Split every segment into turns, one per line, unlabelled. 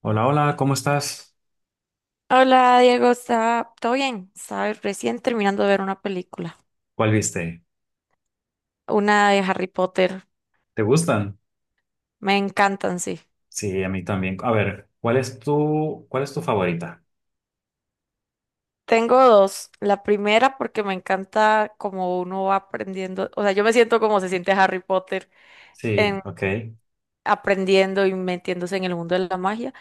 Hola, hola, ¿cómo estás?
Hola Diego, ¿está todo bien? Estaba recién terminando de ver una película,
¿Cuál viste?
una de Harry Potter.
¿Te gustan?
Me encantan, sí.
Sí, a mí también. A ver, ¿¿cuál es tu favorita?
Tengo dos. La primera porque me encanta como uno va aprendiendo, o sea, yo me siento como se siente Harry Potter
Sí,
en
ok.
aprendiendo y metiéndose en el mundo de la magia.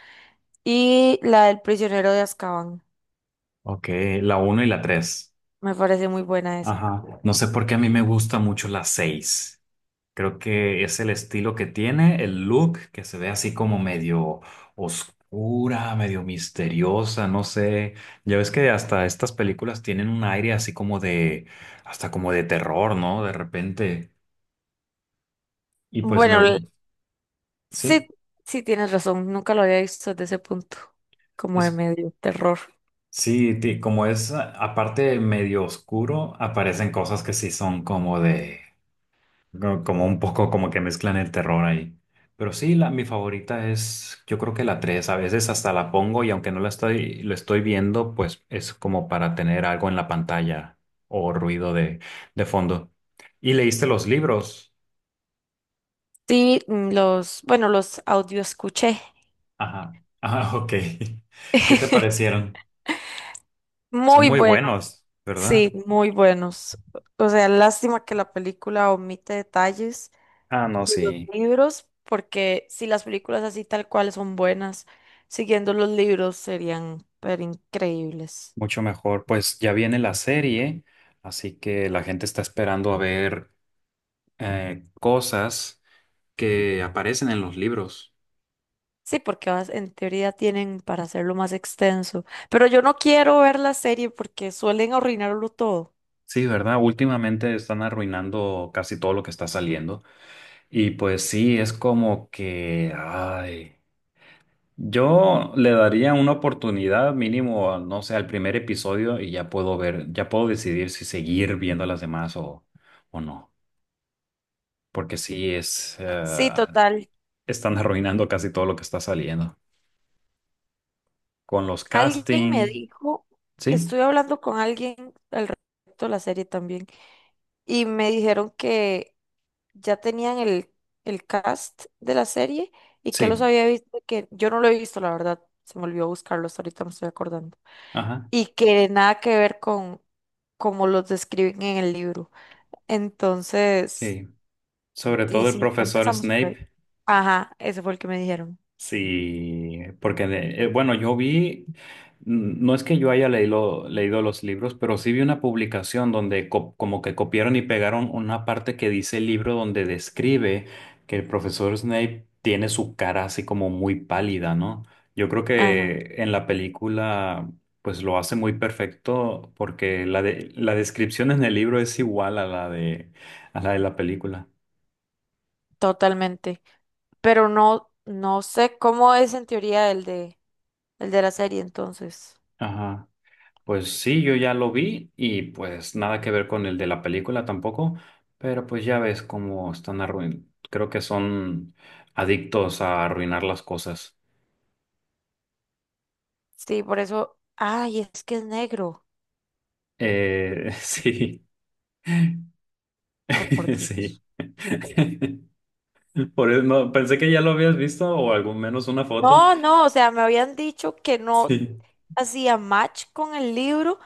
Y la del prisionero de Azkaban.
Ok, la uno y la 3.
Me parece muy buena esa.
Ajá. No sé por qué a mí me gusta mucho la 6. Creo que es el estilo que tiene, el look, que se ve así como medio oscura, medio misteriosa, no sé. Ya ves que hasta estas películas tienen un aire hasta como de terror, ¿no? De repente. Y pues me
Bueno,
gusta.
sí,
Sí.
sí tienes razón. Nunca lo había visto desde ese punto, como de
Es
medio terror.
Sí, como es aparte medio oscuro, aparecen cosas que sí son como de, como un poco como que mezclan el terror ahí. Pero sí, mi favorita es, yo creo que la 3. A veces hasta la pongo y aunque no la estoy, lo estoy viendo, pues es como para tener algo en la pantalla o ruido de fondo. ¿Y leíste los libros?
Sí, bueno, los audio escuché.
Ajá, ah, ok. ¿Qué te parecieron? Son
Muy
muy
buenos,
buenos, ¿verdad?
sí, muy buenos. O sea, lástima que la película omite detalles
Ah, no,
de los
sí.
libros, porque si las películas así tal cual son buenas, siguiendo los libros serían pero increíbles.
Mucho mejor. Pues ya viene la serie, así que la gente está esperando a ver cosas que aparecen en los libros.
Sí, porque en teoría tienen para hacerlo más extenso. Pero yo no quiero ver la serie porque suelen arruinarlo todo.
Sí, ¿verdad? Últimamente están arruinando casi todo lo que está saliendo. Y pues sí, es como que, ay, yo le daría una oportunidad mínimo, no sé, al primer episodio y ya puedo decidir si seguir viendo las demás o no. Porque
Sí, total.
están arruinando casi todo lo que está saliendo. Con los
Alguien me
castings,
dijo,
¿sí?
estuve hablando con alguien al respecto de la serie también, y me dijeron que ya tenían el cast de la serie y que los
Sí,
había visto, que yo no lo he visto, la verdad, se me olvidó buscarlo, hasta ahorita me estoy acordando,
ajá,
y que nada que ver con como los describen en el libro. Entonces,
sí. Sobre
y
todo el
sí, ya
profesor
empezamos por ahí.
Snape.
Ajá, ese fue el que me dijeron.
Sí, porque bueno, no es que yo haya leído los libros, pero sí vi una publicación donde como que copiaron y pegaron una parte que dice el libro donde describe que el profesor Snape tiene su cara así como muy pálida, ¿no? Yo creo
Ajá,
que en la película pues lo hace muy perfecto porque la descripción en el libro es igual a la de la película.
totalmente. Pero no, no sé cómo es en teoría el de la serie, entonces.
Ajá. Pues sí, yo ya lo vi y pues nada que ver con el de la película tampoco, pero pues ya ves cómo están creo que son adictos a arruinar las cosas.
Sí, por eso. Ay, es que es negro.
Sí,
Oh, por
sí.
Dios.
Por eso no, pensé que ya lo habías visto o al menos una foto.
No, no, o sea, me habían dicho que no
Sí,
hacía match con el libro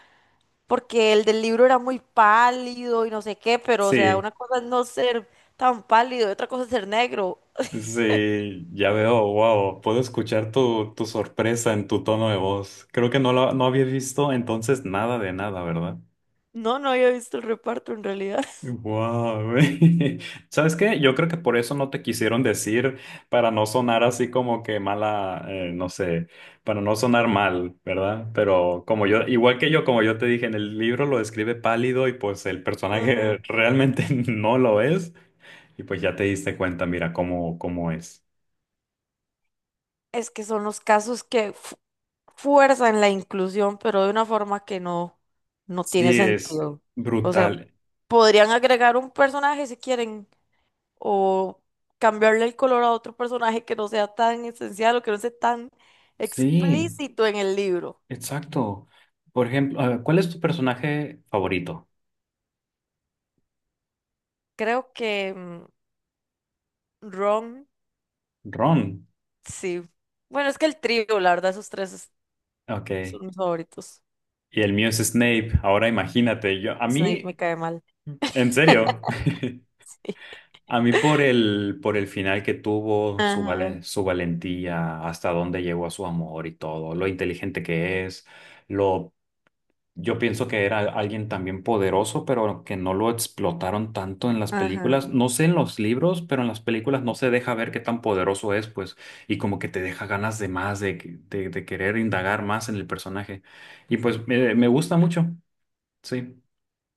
porque el del libro era muy pálido y no sé qué, pero o sea,
sí,
una cosa es no ser tan pálido y otra cosa es ser negro.
sí, ya veo, wow, puedo escuchar tu sorpresa en tu tono de voz. Creo que no había visto entonces nada de nada, ¿verdad?
No, no había visto el reparto en realidad.
Wow, güey. ¿Sabes qué? Yo creo que por eso no te quisieron decir, para no sonar así como que mala, no sé, para no sonar mal, ¿verdad? Pero igual que yo, como yo te dije, en el libro lo describe pálido y pues el personaje
Ujú.
realmente no lo es. Y pues ya te diste cuenta, mira cómo es.
Es que son los casos que, fuerza en la inclusión, pero de una forma que no, no tiene
Sí, es
sentido. O sea,
brutal.
podrían agregar un personaje si quieren, o cambiarle el color a otro personaje que no sea tan esencial o que no sea tan
Sí,
explícito en el libro.
exacto. Por ejemplo, ¿cuál es tu personaje favorito?
Creo que Ron,
Ron.
sí. Bueno, es que el trío, la verdad,
Ok.
son mis favoritos.
Y el mío es Snape. Ahora imagínate, a
Snape
mí,
me cae mal.
en serio, a mí por el final que tuvo,
Ajá,
su valentía, hasta dónde llegó a su amor y todo, lo inteligente que es, lo, yo pienso que era alguien también poderoso, pero que no lo explotaron tanto en las películas.
ajá.
No sé en los libros, pero en las películas no se deja ver qué tan poderoso es, pues, y como que te deja ganas de más, de querer indagar más en el personaje. Y pues me gusta mucho, sí.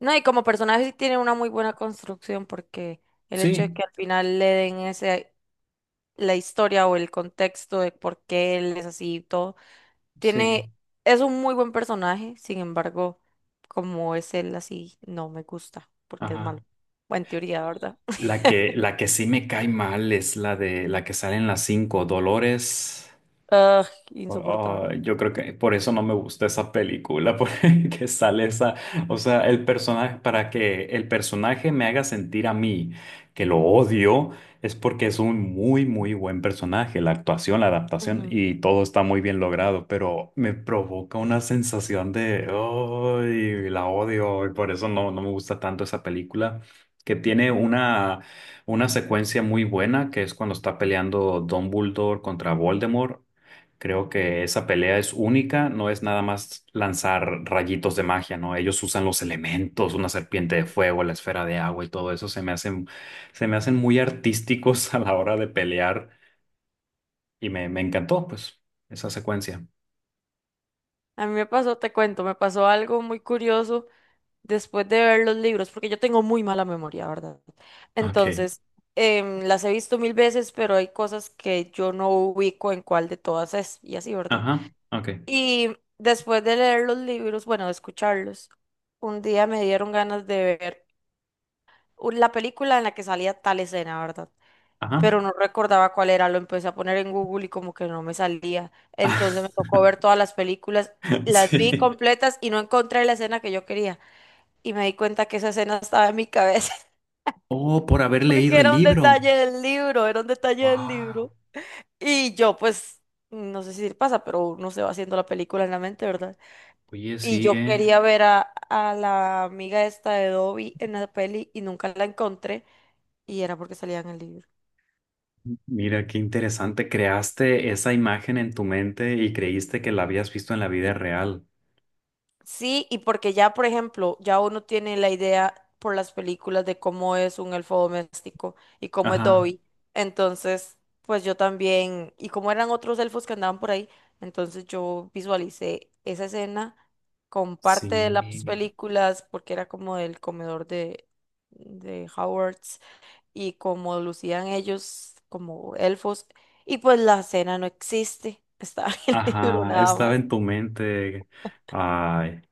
No, y como personaje sí tiene una muy buena construcción porque el hecho de
Sí,
que al final le den ese, la historia o el contexto de por qué él es así y todo,
sí,
tiene, es un muy buen personaje, sin embargo, como es él así, no me gusta porque es malo.
ajá.
Bueno, en teoría, ¿verdad?
La que, la que sí me cae mal es la de la que sale en las cinco, Dolores.
Ugh, insoportable.
Ah, yo creo que por eso no me gusta esa película, porque sale esa, o sea, el personaje, para que el personaje me haga sentir a mí que lo odio, es porque es un muy, muy buen personaje, la actuación, la adaptación
Ujú,
y todo está muy bien logrado, pero me provoca una sensación de, ay, la odio, y por eso no me gusta tanto esa película, que tiene una secuencia muy buena, que es cuando está peleando Dumbledore contra Voldemort. Creo que esa pelea es única, no es nada más lanzar rayitos de magia, ¿no? Ellos usan los elementos, una serpiente de
ujú.
fuego, la esfera de agua y todo eso se me hacen muy artísticos a la hora de pelear y me encantó, pues, esa secuencia.
A mí me pasó, te cuento, me pasó algo muy curioso después de ver los libros, porque yo tengo muy mala memoria, ¿verdad?
Ok,
Entonces, las he visto mil veces, pero hay cosas que yo no ubico en cuál de todas es, y así, ¿verdad?
ajá, ok,
Y después de leer los libros, bueno, de escucharlos, un día me dieron ganas de ver la película en la que salía tal escena, ¿verdad?
ajá.
Pero no recordaba cuál era, lo empecé a poner en Google y como que no me salía. Entonces me tocó ver todas las películas, las vi
Sí.
completas y no encontré la escena que yo quería. Y me di cuenta que esa escena estaba en mi cabeza,
Oh, por haber leído
porque
el
era un
libro.
detalle del libro, era un detalle del
Wow.
libro. Y yo, pues, no sé si le pasa, pero uno se va haciendo la película en la mente, ¿verdad?
Oye,
Y
sí,
yo
eh.
quería ver a la amiga esta de Dobby en la peli y nunca la encontré, y era porque salía en el libro.
Mira, qué interesante. Creaste esa imagen en tu mente y creíste que la habías visto en la vida real.
Sí, y porque ya, por ejemplo, ya uno tiene la idea por las películas de cómo es un elfo doméstico y cómo es
Ajá,
Dobby. Entonces, pues yo también, y como eran otros elfos que andaban por ahí, entonces yo visualicé esa escena con parte de las
sí.
películas, porque era como del comedor de Hogwarts y como lucían ellos como elfos. Y pues la escena no existe, estaba en el libro
Ajá,
nada
estaba
más.
en tu mente. Ay,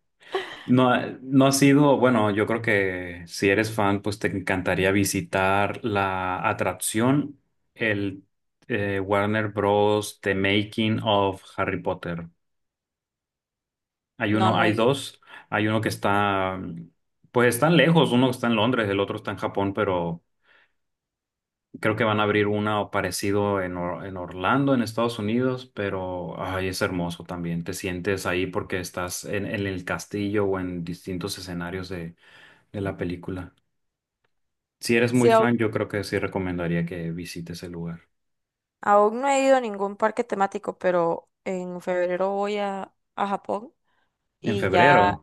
no, no ha sido, bueno, yo creo que si eres fan, pues te encantaría visitar la atracción, el Warner Bros. The Making of Harry Potter. Hay
No,
uno,
no
hay
he ido.
dos. Hay uno que está, pues están lejos, uno está en Londres, el otro está en Japón, pero creo que van a abrir una o parecido en, en Orlando, en Estados Unidos, pero ay, es hermoso también. Te sientes ahí porque estás en el castillo o en distintos escenarios de la película. Si eres muy
Sí,
fan, yo creo que sí recomendaría que visites el lugar.
aún no he ido a ningún parque temático, pero en febrero voy a Japón
En
y
febrero,
ya,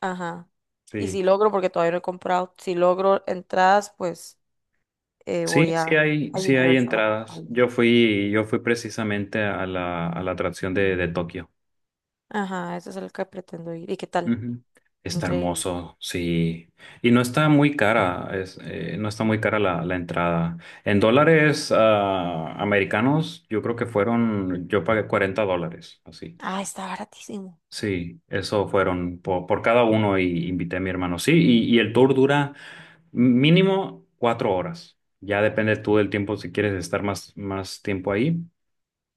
ajá. Y
sí.
si logro, porque todavía no he comprado, si logro entradas, pues
Sí,
voy a,
sí hay,
a
sí hay
Universal, a
entradas.
Japón.
Yo fui precisamente a la atracción de Tokio.
Ajá, ese es el que pretendo ir. ¿Y qué tal?
Ujú. Está
Increíble.
hermoso, sí. Y no está muy cara, no está muy cara la entrada. En dólares americanos, yo creo que fueron, yo pagué $40, así.
Ah, está baratísimo.
Sí, eso fueron por, cada uno y invité a mi hermano. Sí, y el tour dura mínimo 4 horas. Ya depende tú del tiempo si quieres estar más tiempo ahí.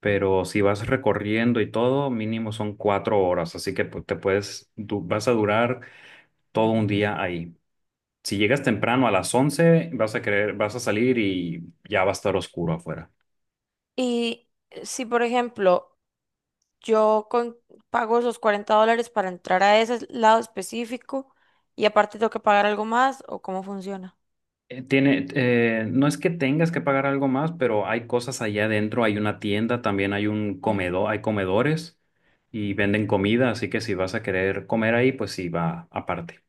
Pero si vas recorriendo y todo, mínimo son 4 horas. Así que pues, vas a durar todo un día ahí. Si llegas temprano a las 11 vas a salir y ya va a estar oscuro afuera.
Y si, por ejemplo, yo con- pago esos $40 para entrar a ese lado específico y aparte tengo que pagar algo más, ¿o cómo funciona?
No es que tengas que pagar algo más, pero hay cosas allá adentro. Hay una tienda, también hay un comedor, hay comedores y venden comida, así que si vas a querer comer ahí, pues sí, va aparte.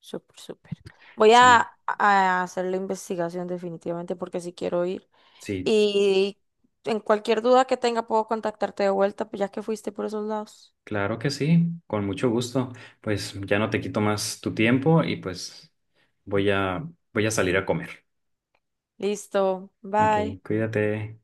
Súper, súper. Voy a,
Sí,
a hacer la investigación definitivamente porque si quiero ir.
sí,
Y en cualquier duda que tenga puedo contactarte de vuelta, pues ya que fuiste por esos lados.
claro que sí, con mucho gusto. Pues ya no te quito más tu tiempo y pues voy a, voy a salir a comer.
Listo,
Ok,
bye.
cuídate.